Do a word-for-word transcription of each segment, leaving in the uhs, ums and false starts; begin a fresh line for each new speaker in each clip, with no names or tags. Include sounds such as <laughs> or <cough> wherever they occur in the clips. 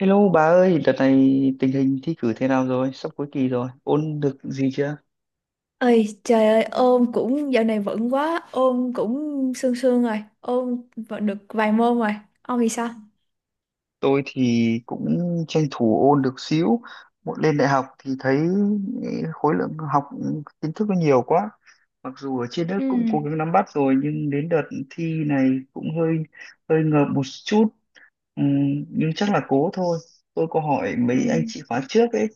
Hello bà ơi, đợt này tình hình thi cử thế nào rồi? Sắp cuối kỳ rồi, ôn được gì chưa?
Ơi trời ơi, ôn cũng dạo này vẫn quá, ôn cũng sương sương rồi, ôn vẫn được vài môn rồi. Ông thì sao?
Tôi thì cũng tranh thủ ôn được xíu. Một lên đại học thì thấy ừ, khối lượng học kiến thức nó nhiều quá. Mặc dù ở trên lớp
Ừ,
cũng cố gắng nắm bắt rồi nhưng đến đợt thi này cũng hơi hơi ngợp một chút. Ừm, nhưng chắc là cố thôi. Tôi có hỏi
ừ,
mấy anh chị khóa trước ấy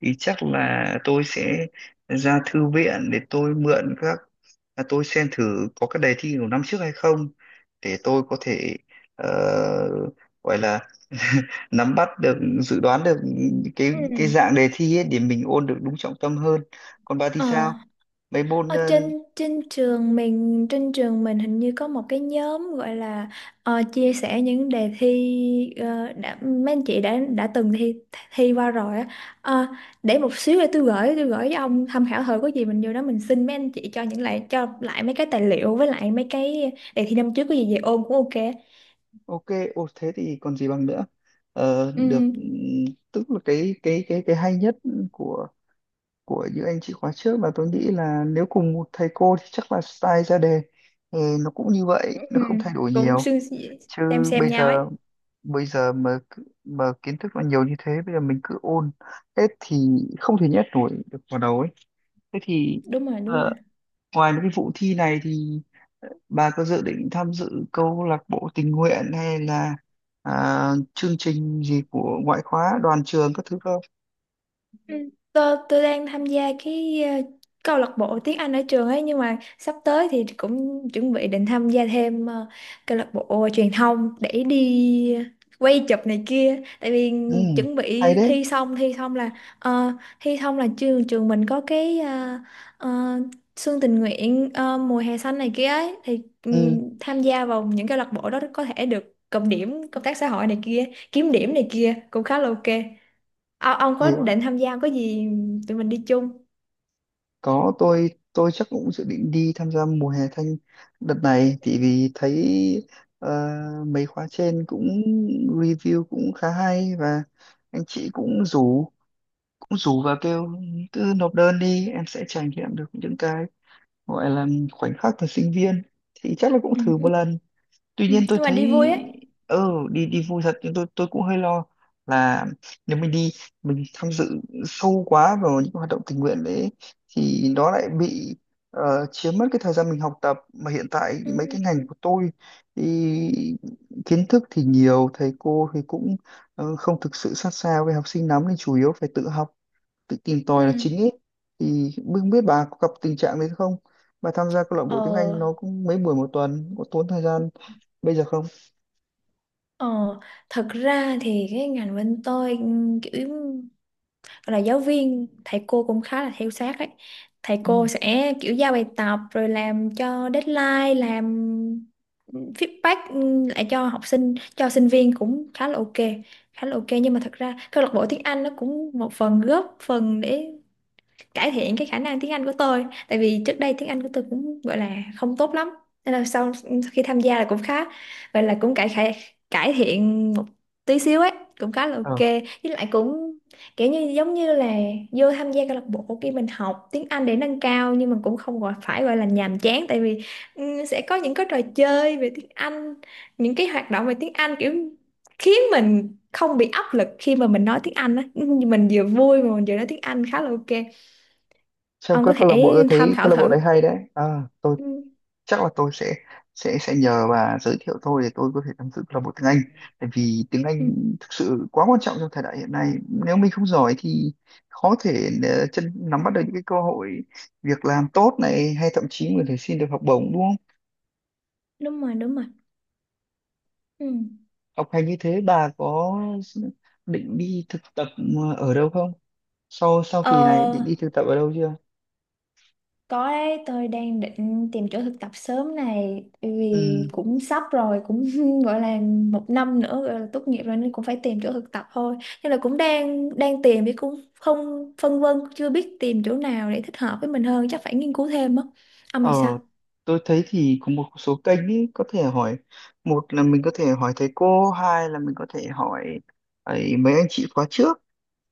thì chắc là tôi sẽ ra thư viện để tôi mượn các là tôi xem thử có cái đề thi của năm trước hay không, để tôi có thể ờ, gọi là <laughs> nắm bắt được, dự đoán được cái
ừ.
cái dạng đề thi ấy để mình ôn được đúng trọng tâm hơn. Còn bà thì
Ờ.
sao, mấy môn
Ở
ờ,
trên trên trường mình trên trường mình hình như có một cái nhóm gọi là ờ, chia sẻ những đề thi, ờ, đã mấy anh chị đã đã từng thi thi qua rồi á. Ờ, để một xíu để tôi gửi tôi gửi với ông tham khảo thử, có gì mình vô đó mình xin mấy anh chị cho những lại cho lại mấy cái tài liệu với lại mấy cái đề thi năm trước, có gì về ôn cũng ok.
ok? Ô thế thì còn gì bằng nữa. Ờ,
Ừ,
được. Ừm, tức là cái cái cái cái hay nhất của của những anh chị khóa trước là tôi nghĩ là nếu cùng một thầy cô thì chắc là style ra đề ừ, nó cũng như vậy,
ừ,
nó
ừ,
không thay đổi
cũng
nhiều.
xương-
Chứ
xem xem
bây
nhau ấy.
giờ, bây giờ mà cứ- mà kiến thức nó nhiều như thế, bây giờ mình cứ ôn hết thì không thể nhét nổi được vào đầu ấy. Thế thì
Đúng rồi, đúng
ờ,
rồi.
ngoài mấy cái vụ thi này thì bà có dự định tham dự câu lạc bộ tình nguyện hay là à, chương trình gì của ngoại khóa đoàn trường các thứ không?
Ừ. Tôi, tôi đang tham gia cái ờ, câu lạc bộ tiếng Anh ở trường ấy, nhưng mà sắp tới thì cũng chuẩn bị định tham gia thêm ờ, câu lạc bộ truyền thông để đi quay chụp này kia. Tại vì
ừ,
chuẩn
hay
bị
đấy
thi xong thi xong là ờ, thi xong là trường trường mình có cái ờ, ờ, xuân tình nguyện, ờ, mùa hè xanh này kia ấy, thì
ừ,
ừm, tham gia vào những câu lạc bộ đó có thể được cộng điểm công tác xã hội này kia, kiếm điểm này kia cũng khá là ok. Ờ, ông có
hay
định tham gia không? Có gì tụi mình đi chung.
Có, tôi tôi chắc cũng dự định đi tham gia mùa hè thanh đợt này, thì vì thấy ờ, mấy khóa trên cũng review cũng khá hay. Và anh chị cũng rủ, cũng rủ và kêu cứ nộp đơn đi em sẽ trải nghiệm được những cái gọi là khoảnh khắc thời sinh viên, thì chắc là cũng thử
Ừ.
một lần. Tuy
Ừ.
nhiên tôi
Nhưng mà
thấy
đi vui ấy.
ừ đi đi vui thật, nhưng tôi tôi cũng hơi lo là nếu mình đi, mình tham dự sâu quá vào những hoạt động tình nguyện đấy thì nó lại bị ờ, chiếm mất cái thời gian mình học tập. Mà hiện tại mấy
Ừ.
cái ngành của tôi thì kiến thức thì nhiều, thầy cô thì cũng ờ, không thực sự sát sao với học sinh lắm nên chủ yếu phải tự học, tự tìm tòi là
Ừ.
chính ấy. Thì không biết bà có gặp tình trạng đấy không, bà tham gia câu lạc
Ờ,
bộ tiếng Anh nó cũng mấy buổi một tuần, có tốn thời gian bây giờ không?
ờ, Thật ra thì cái ngành bên tôi ừm, kiểu gọi là giáo viên, thầy cô cũng khá là theo sát ấy. Thầy
ừ.
cô sẽ kiểu giao bài tập rồi làm cho deadline, làm feedback ừm, lại cho học sinh cho sinh viên cũng khá là ok, khá là ok. Nhưng mà thật ra câu lạc bộ tiếng Anh nó cũng một phần góp phần để cải thiện cái khả năng tiếng Anh của tôi. Tại vì trước đây tiếng Anh của tôi cũng gọi là không tốt lắm, nên là sau, khi tham gia là cũng khá, vậy là cũng cải cải cải thiện một tí xíu ấy, cũng khá là
ờ
ok. Với lại cũng kiểu như giống như là vô tham gia câu lạc bộ kia, mình học tiếng Anh để nâng cao, nhưng mà cũng không gọi phải gọi là nhàm chán. Tại vì ừ, sẽ có những cái trò chơi về tiếng Anh, những cái hoạt động về tiếng Anh kiểu khiến mình không bị áp lực khi mà mình nói tiếng Anh á, <laughs> mình vừa vui mà mình vừa nói tiếng Anh khá là ok.
trong
Ông
các
có
câu lạc bộ,
thể
tôi
tham
thấy câu
khảo
lạc bộ
thử.
đấy hay đấy. À, tôi
Ừ.
chắc là tôi sẽ sẽ sẽ nhờ bà giới thiệu tôi để tôi có thể tham dự câu lạc bộ tiếng Anh, tại vì tiếng Anh
Ừ.
thực sự quá quan trọng trong thời đại hiện nay. Nếu mình không giỏi thì khó thể ờ, chân nắm bắt được những cái cơ hội việc làm tốt này, hay thậm chí mình có thể xin được học bổng, đúng.
Đúng rồi, đúng rồi. Ừ.
Học hành như thế, bà có định đi thực tập ờ, ở đâu không, sau sau
ờ,
kỳ này định đi thực tập ở đâu chưa?
có đấy, tôi đang định tìm chỗ thực tập sớm này. Bởi vì
ừ.
cũng sắp rồi, cũng <laughs> gọi là một năm nữa gọi là tốt nghiệp rồi, nên cũng phải tìm chỗ thực tập thôi. Nên là cũng đang đang tìm, chứ cũng không, phân vân chưa biết tìm chỗ nào để thích hợp với mình hơn, chắc phải nghiên cứu thêm á. Ông
ờ
thì sao?
tôi thấy thì có một số kênh ý, có thể hỏi: một là mình có thể hỏi thầy cô, hai là mình có thể hỏi ấy, mấy anh chị khóa trước,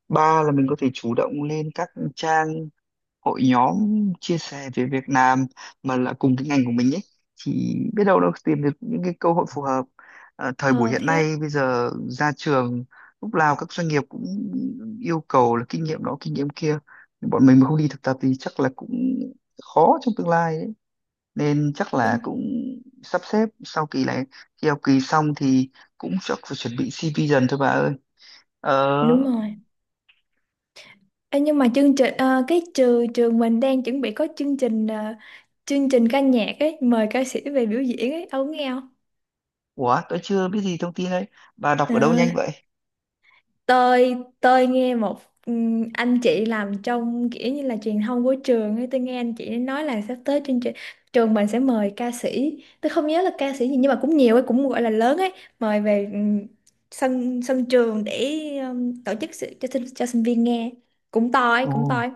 ba là mình có thể chủ động lên các trang hội nhóm chia sẻ về Việt Nam mà là cùng cái ngành của mình ấy, thì biết đâu đâu tìm được những cái cơ hội phù hợp. Ờ, thời buổi
Ờ
hiện
thế á.
nay, bây giờ ra trường lúc nào các doanh nghiệp cũng yêu cầu là kinh nghiệm đó kinh nghiệm kia, bọn mình mà không đi thực tập thì chắc là cũng khó trong tương lai đấy. Nên chắc là
Đúng,
cũng sắp xếp sau kỳ này, khi học kỳ xong thì cũng chắc phải chuẩn bị xê vê dần thôi bà ơi. ờ
đúng rồi. Ê, nhưng mà chương trình ờ, cái trừ trường mình đang chuẩn bị có chương trình, ờ, chương trình ca nhạc ấy, mời ca sĩ về biểu diễn ấy, ông nghe không?
ủa tôi chưa biết gì thông tin đấy, bà đọc
Ờ,
ở đâu nhanh vậy?
tôi tôi nghe một ừm, anh chị làm trong kiểu như là truyền thông của trường ấy. Tôi nghe anh chị nói là sắp tới chương trình trường mình sẽ mời ca sĩ, tôi không nhớ là ca sĩ gì, nhưng mà cũng nhiều ấy, cũng gọi là lớn ấy. Mời về ừm, sân sân trường để ừm, tổ chức sự, cho sinh cho sinh viên nghe, cũng to ấy,
Ồ,
cũng to ấy.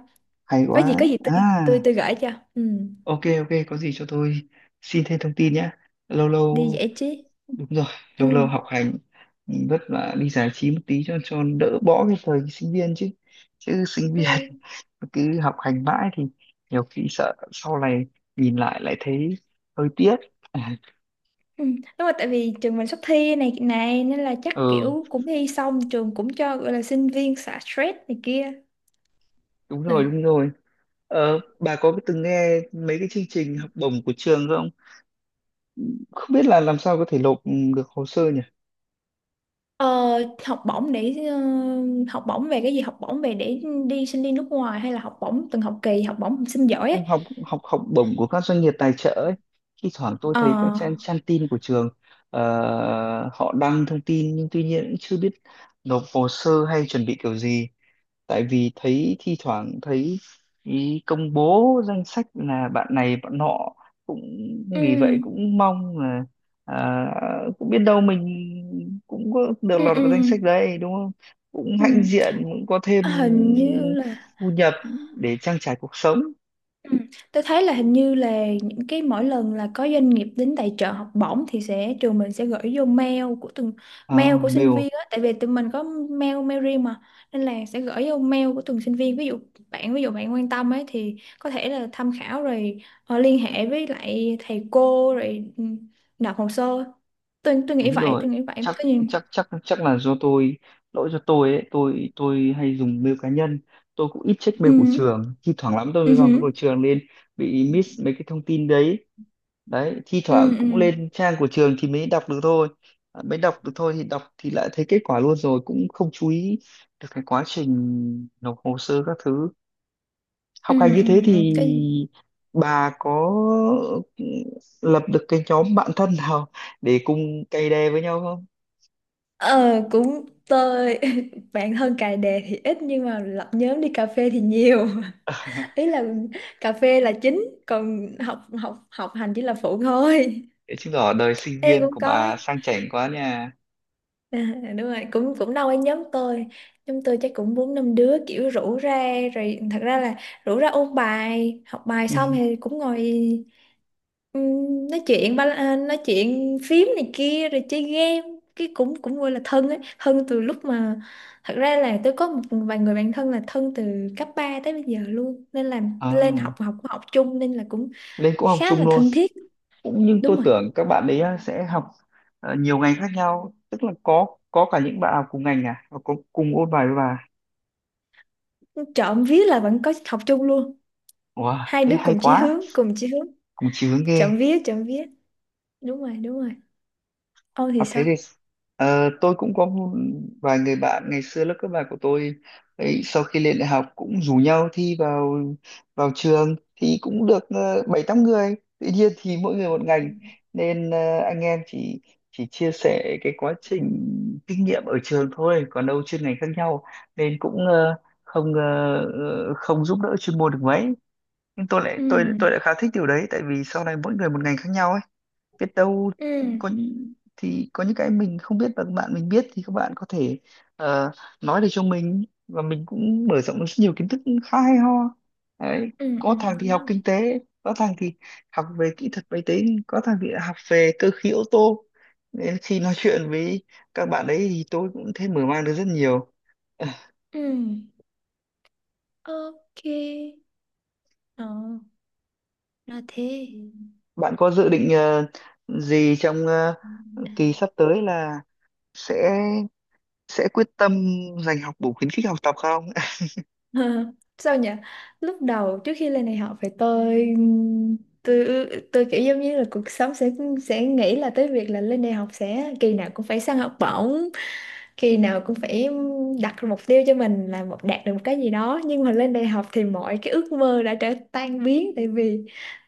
hay
Có gì,
quá
có gì tôi,
à.
tôi tôi gửi cho. Ừ.
Ok ok, có gì cho tôi xin thêm thông tin nhé. Lâu
Đi
lâu,
giải trí.
đúng rồi, lâu
Ừ,
lâu học hành ừ, vất vả, đi giải trí một tí cho cho đỡ, bỏ cái thời sinh viên chứ chứ sinh
ừ,
viên <laughs> cứ học hành mãi thì nhiều khi sợ sau này nhìn lại, lại thấy hơi tiếc. <laughs>
ừ. Đúng rồi, tại vì trường mình sắp thi này này nên là chắc
Ừ,
kiểu cũng thi xong trường cũng cho gọi là sinh viên xả stress này kia.
đúng
Ừ.
rồi đúng rồi. Ờ, bà có từng nghe mấy cái chương trình học bổng của trường không, không biết là làm sao có thể nộp được hồ sơ nhỉ?
ờ, Học bổng để, ờ, học bổng về cái gì? Học bổng về để đi sinh đi nước ngoài, hay là học bổng từng học kỳ, học bổng học sinh giỏi
Không,
ấy?
học học học bổng của các doanh nghiệp tài trợ ấy, thi thoảng tôi
Ờ.
thấy các trang trang tin của trường ờ, họ đăng thông tin nhưng tuy nhiên cũng chưa biết nộp hồ sơ hay chuẩn bị kiểu gì. Tại vì thấy thi thoảng thấy ý công bố danh sách là bạn này bạn nọ cũng,
Ừ,
vì vậy cũng mong là à, cũng biết đâu mình cũng có được
ừ,
lọt
ừ,
vào danh sách đấy, đúng không? Cũng hãnh
ừ.
diện, cũng có thêm
À, hình như là.
thu nhập để trang trải cuộc sống.
Ừ. Tôi thấy là hình như là những cái mỗi lần là có doanh nghiệp đến tài trợ học bổng thì sẽ trường mình sẽ gửi vô mail của từng,
À,
mail của sinh
mail,
viên á. Tại vì tụi mình có mail mail riêng mà, nên là sẽ gửi vô mail của từng sinh viên. Ví dụ bạn ví dụ bạn quan tâm ấy thì có thể là tham khảo rồi ờ, liên hệ với lại thầy cô rồi ừ, nộp hồ sơ. tôi tôi nghĩ
đúng
vậy
rồi,
tôi nghĩ vậy
chắc
có gì.
chắc chắc chắc là do tôi, lỗi do tôi ấy, tôi tôi hay dùng mail cá nhân. Tôi cũng ít check mail của
Ừ,
trường, thi thoảng lắm tôi mới vào mail
ừ,
của trường nên bị miss mấy cái thông tin đấy. Đấy, thi
ừ,
thoảng
ừ, ừ,
cũng lên trang của trường thì mới đọc được thôi. À, mới đọc được thôi thì đọc thì lại thấy kết quả luôn rồi, cũng không chú ý được cái quá trình nộp hồ sơ các thứ.
ừ,
Học hành như
ừ,
thế
ừ.
thì
Cái gì?
bà có lập được cái nhóm bạn thân nào để cùng cày đè với nhau không?
ờ Cũng tôi, bạn thân cài đề thì ít, nhưng mà lập nhóm đi cà phê thì nhiều. <laughs> Ý
<laughs>
là cà phê là chính, còn học học học hành chỉ là phụ thôi.
Thế chứng tỏ đời sinh
Em
viên
cũng
của
có.
bà sang chảnh quá nha.
<laughs> À, đúng rồi, cũng cũng đâu ở nhóm tôi, nhóm tôi chắc cũng bốn năm đứa kiểu rủ ra rồi. Thật ra là rủ ra ôn bài, học bài
Ừ.
xong thì cũng ngồi. Ừm, nói chuyện ba à, nói chuyện phím này kia rồi chơi game. Cái cũng cũng gọi là thân ấy, thân từ lúc mà, thật ra là tôi có một vài người bạn thân là thân từ cấp ba tới bây giờ luôn, nên là
À,
lên học học học chung, nên là cũng
lên cũng học
khá
chung
là
luôn.
thân thiết.
Cũng nhưng
Đúng
tôi
rồi,
tưởng các bạn ấy á, sẽ học ờ, nhiều ngành khác nhau, tức là có có cả những bạn học cùng ngành à, và có cùng ôn bài với bà.
trộm vía là vẫn có học chung luôn.
Wow,
Hai
thế
đứa
hay
cùng chí
quá,
hướng, cùng chí hướng.
cùng chí hướng ghê.
Trộm vía, trộm vía. Đúng rồi, đúng rồi. Ô thì
Học thế
sao?
thì ờ, tôi cũng có một vài người bạn ngày xưa lớp cấp ba của tôi ấy, sau khi lên đại học cũng rủ nhau thi vào, vào trường thì cũng được ờ, bảy tám người, tuy nhiên thì mỗi người một ngành nên ờ, anh em chỉ chỉ chia sẻ cái quá trình kinh nghiệm ở trường thôi, còn đâu chuyên ngành khác nhau nên cũng ờ, không ờ, ờ, không giúp đỡ chuyên môn được mấy. Nhưng tôi lại
Ừ,
tôi tôi lại khá thích điều đấy, tại vì sau này mỗi người một ngành khác nhau ấy, biết đâu
ừ,
có những thì có những cái mình không biết và các bạn mình biết thì các bạn có thể ờ, nói để cho mình và mình cũng mở rộng được rất nhiều kiến thức, khá hay ho đấy.
ừ, ừ.
Có thằng thì học
Đúng rồi.
kinh tế, có thằng thì học về kỹ thuật máy tính, có thằng thì học về cơ khí ô tô, nên khi nói <laughs> chuyện với các bạn ấy thì tôi cũng thấy mở mang được rất nhiều. <laughs>
Ừ. Ok. Ờ, là thế.
Bạn có dự định ờ, gì trong ờ, kỳ
<laughs>
sắp tới là sẽ sẽ quyết tâm dành học bổng khuyến khích học tập không?
Ờ, Sao nhỉ, lúc đầu trước khi lên đại học phải, tôi tôi tôi kiểu giống như là cuộc sống sẽ, sẽ nghĩ là tới việc là lên đại học sẽ kỳ nào cũng phải săn học bổng, khi nào cũng phải đặt ra mục tiêu cho mình là một đạt được một cái gì đó. Nhưng mà lên đại học thì mọi cái ước mơ đã trở tan biến. Tại vì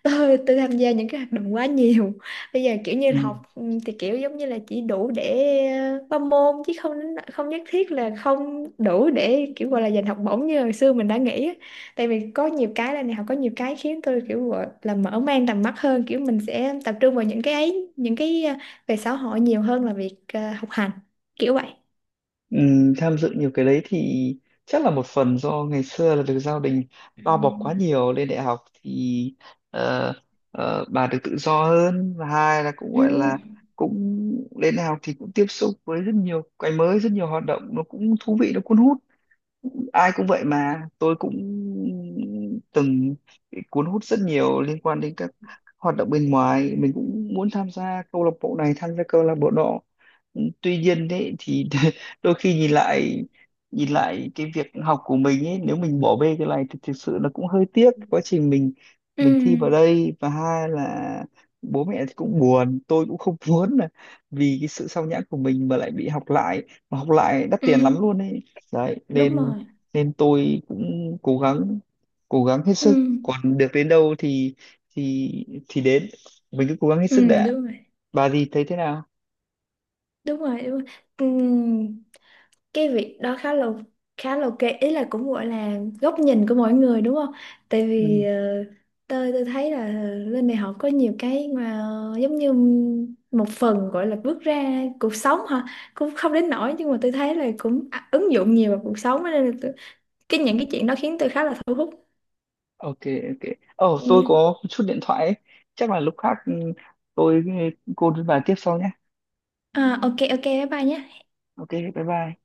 tôi tôi tham gia những cái hoạt động quá nhiều. Bây giờ kiểu như
Ừ.
học ừ, thì kiểu giống như là chỉ đủ để ờ, qua môn, chứ không không nhất thiết là, không đủ để kiểu gọi là giành học bổng như hồi xưa mình đã nghĩ á. Tại vì có nhiều cái là, đại học có nhiều cái khiến tôi kiểu gọi là mở mang tầm mắt hơn, kiểu mình sẽ tập trung vào những cái ấy, những cái ờ, về xã hội nhiều hơn là việc ờ, học hành, kiểu vậy.
Ừ, tham dự nhiều cái đấy thì chắc là một phần do ngày xưa là được gia đình
Ừ.
bao bọc quá nhiều. Lên đại học thì ờ, ờ, bà được tự do hơn, và hai là cũng
Ừ.
gọi là, cũng lên đại học thì cũng tiếp xúc với rất nhiều cái mới, rất nhiều hoạt động nó cũng thú vị, nó cuốn hút. Ai cũng vậy mà, tôi cũng từng bị cuốn hút rất nhiều liên quan đến các hoạt động bên ngoài, mình cũng muốn tham gia câu lạc bộ này, tham gia câu lạc bộ nọ. Tuy nhiên đấy thì, <laughs> đôi khi nhìn lại, nhìn lại cái việc học của mình ấy, nếu mình bỏ bê cái này thì thực sự nó cũng hơi tiếc quá trình mình,
Ừ.
mình thi vào đây. Và hai là bố mẹ thì cũng buồn, tôi cũng không <laughs> muốn là vì cái sự sao nhãng của mình mà lại bị học lại, mà học lại đắt
Ừ.
tiền lắm luôn ấy. Đấy
Đúng
nên
rồi.
nên tôi cũng cố gắng, cố gắng hết
Ừ.
sức, còn được đến đâu thì thì thì đến, mình cứ cố gắng hết sức
Ừ.
đã.
Đúng rồi.
Bà gì thấy thế nào?
Đúng rồi. Đúng rồi. Ừ. Cái việc đó khá là, khá là ok. Ý là cũng gọi là góc nhìn của mỗi người, đúng không? Tại vì
Ừ.
ờ, tôi tôi thấy là lên đại học có nhiều cái mà giống như một phần gọi là bước ra cuộc sống hả? Cũng không đến nỗi, nhưng mà tôi thấy là cũng à- ứng dụng nhiều vào cuộc sống á, nên là tôi, cái những cái chuyện đó khiến tôi khá là thu hút.
Ok ok. Ồ, tôi
Ừ.
có chút điện thoại ấy. Chắc là lúc khác ừ, tôi, ừ, cô và tiếp sau nhé.
À, ok ok, bye bye nhé.
Ok bye bye.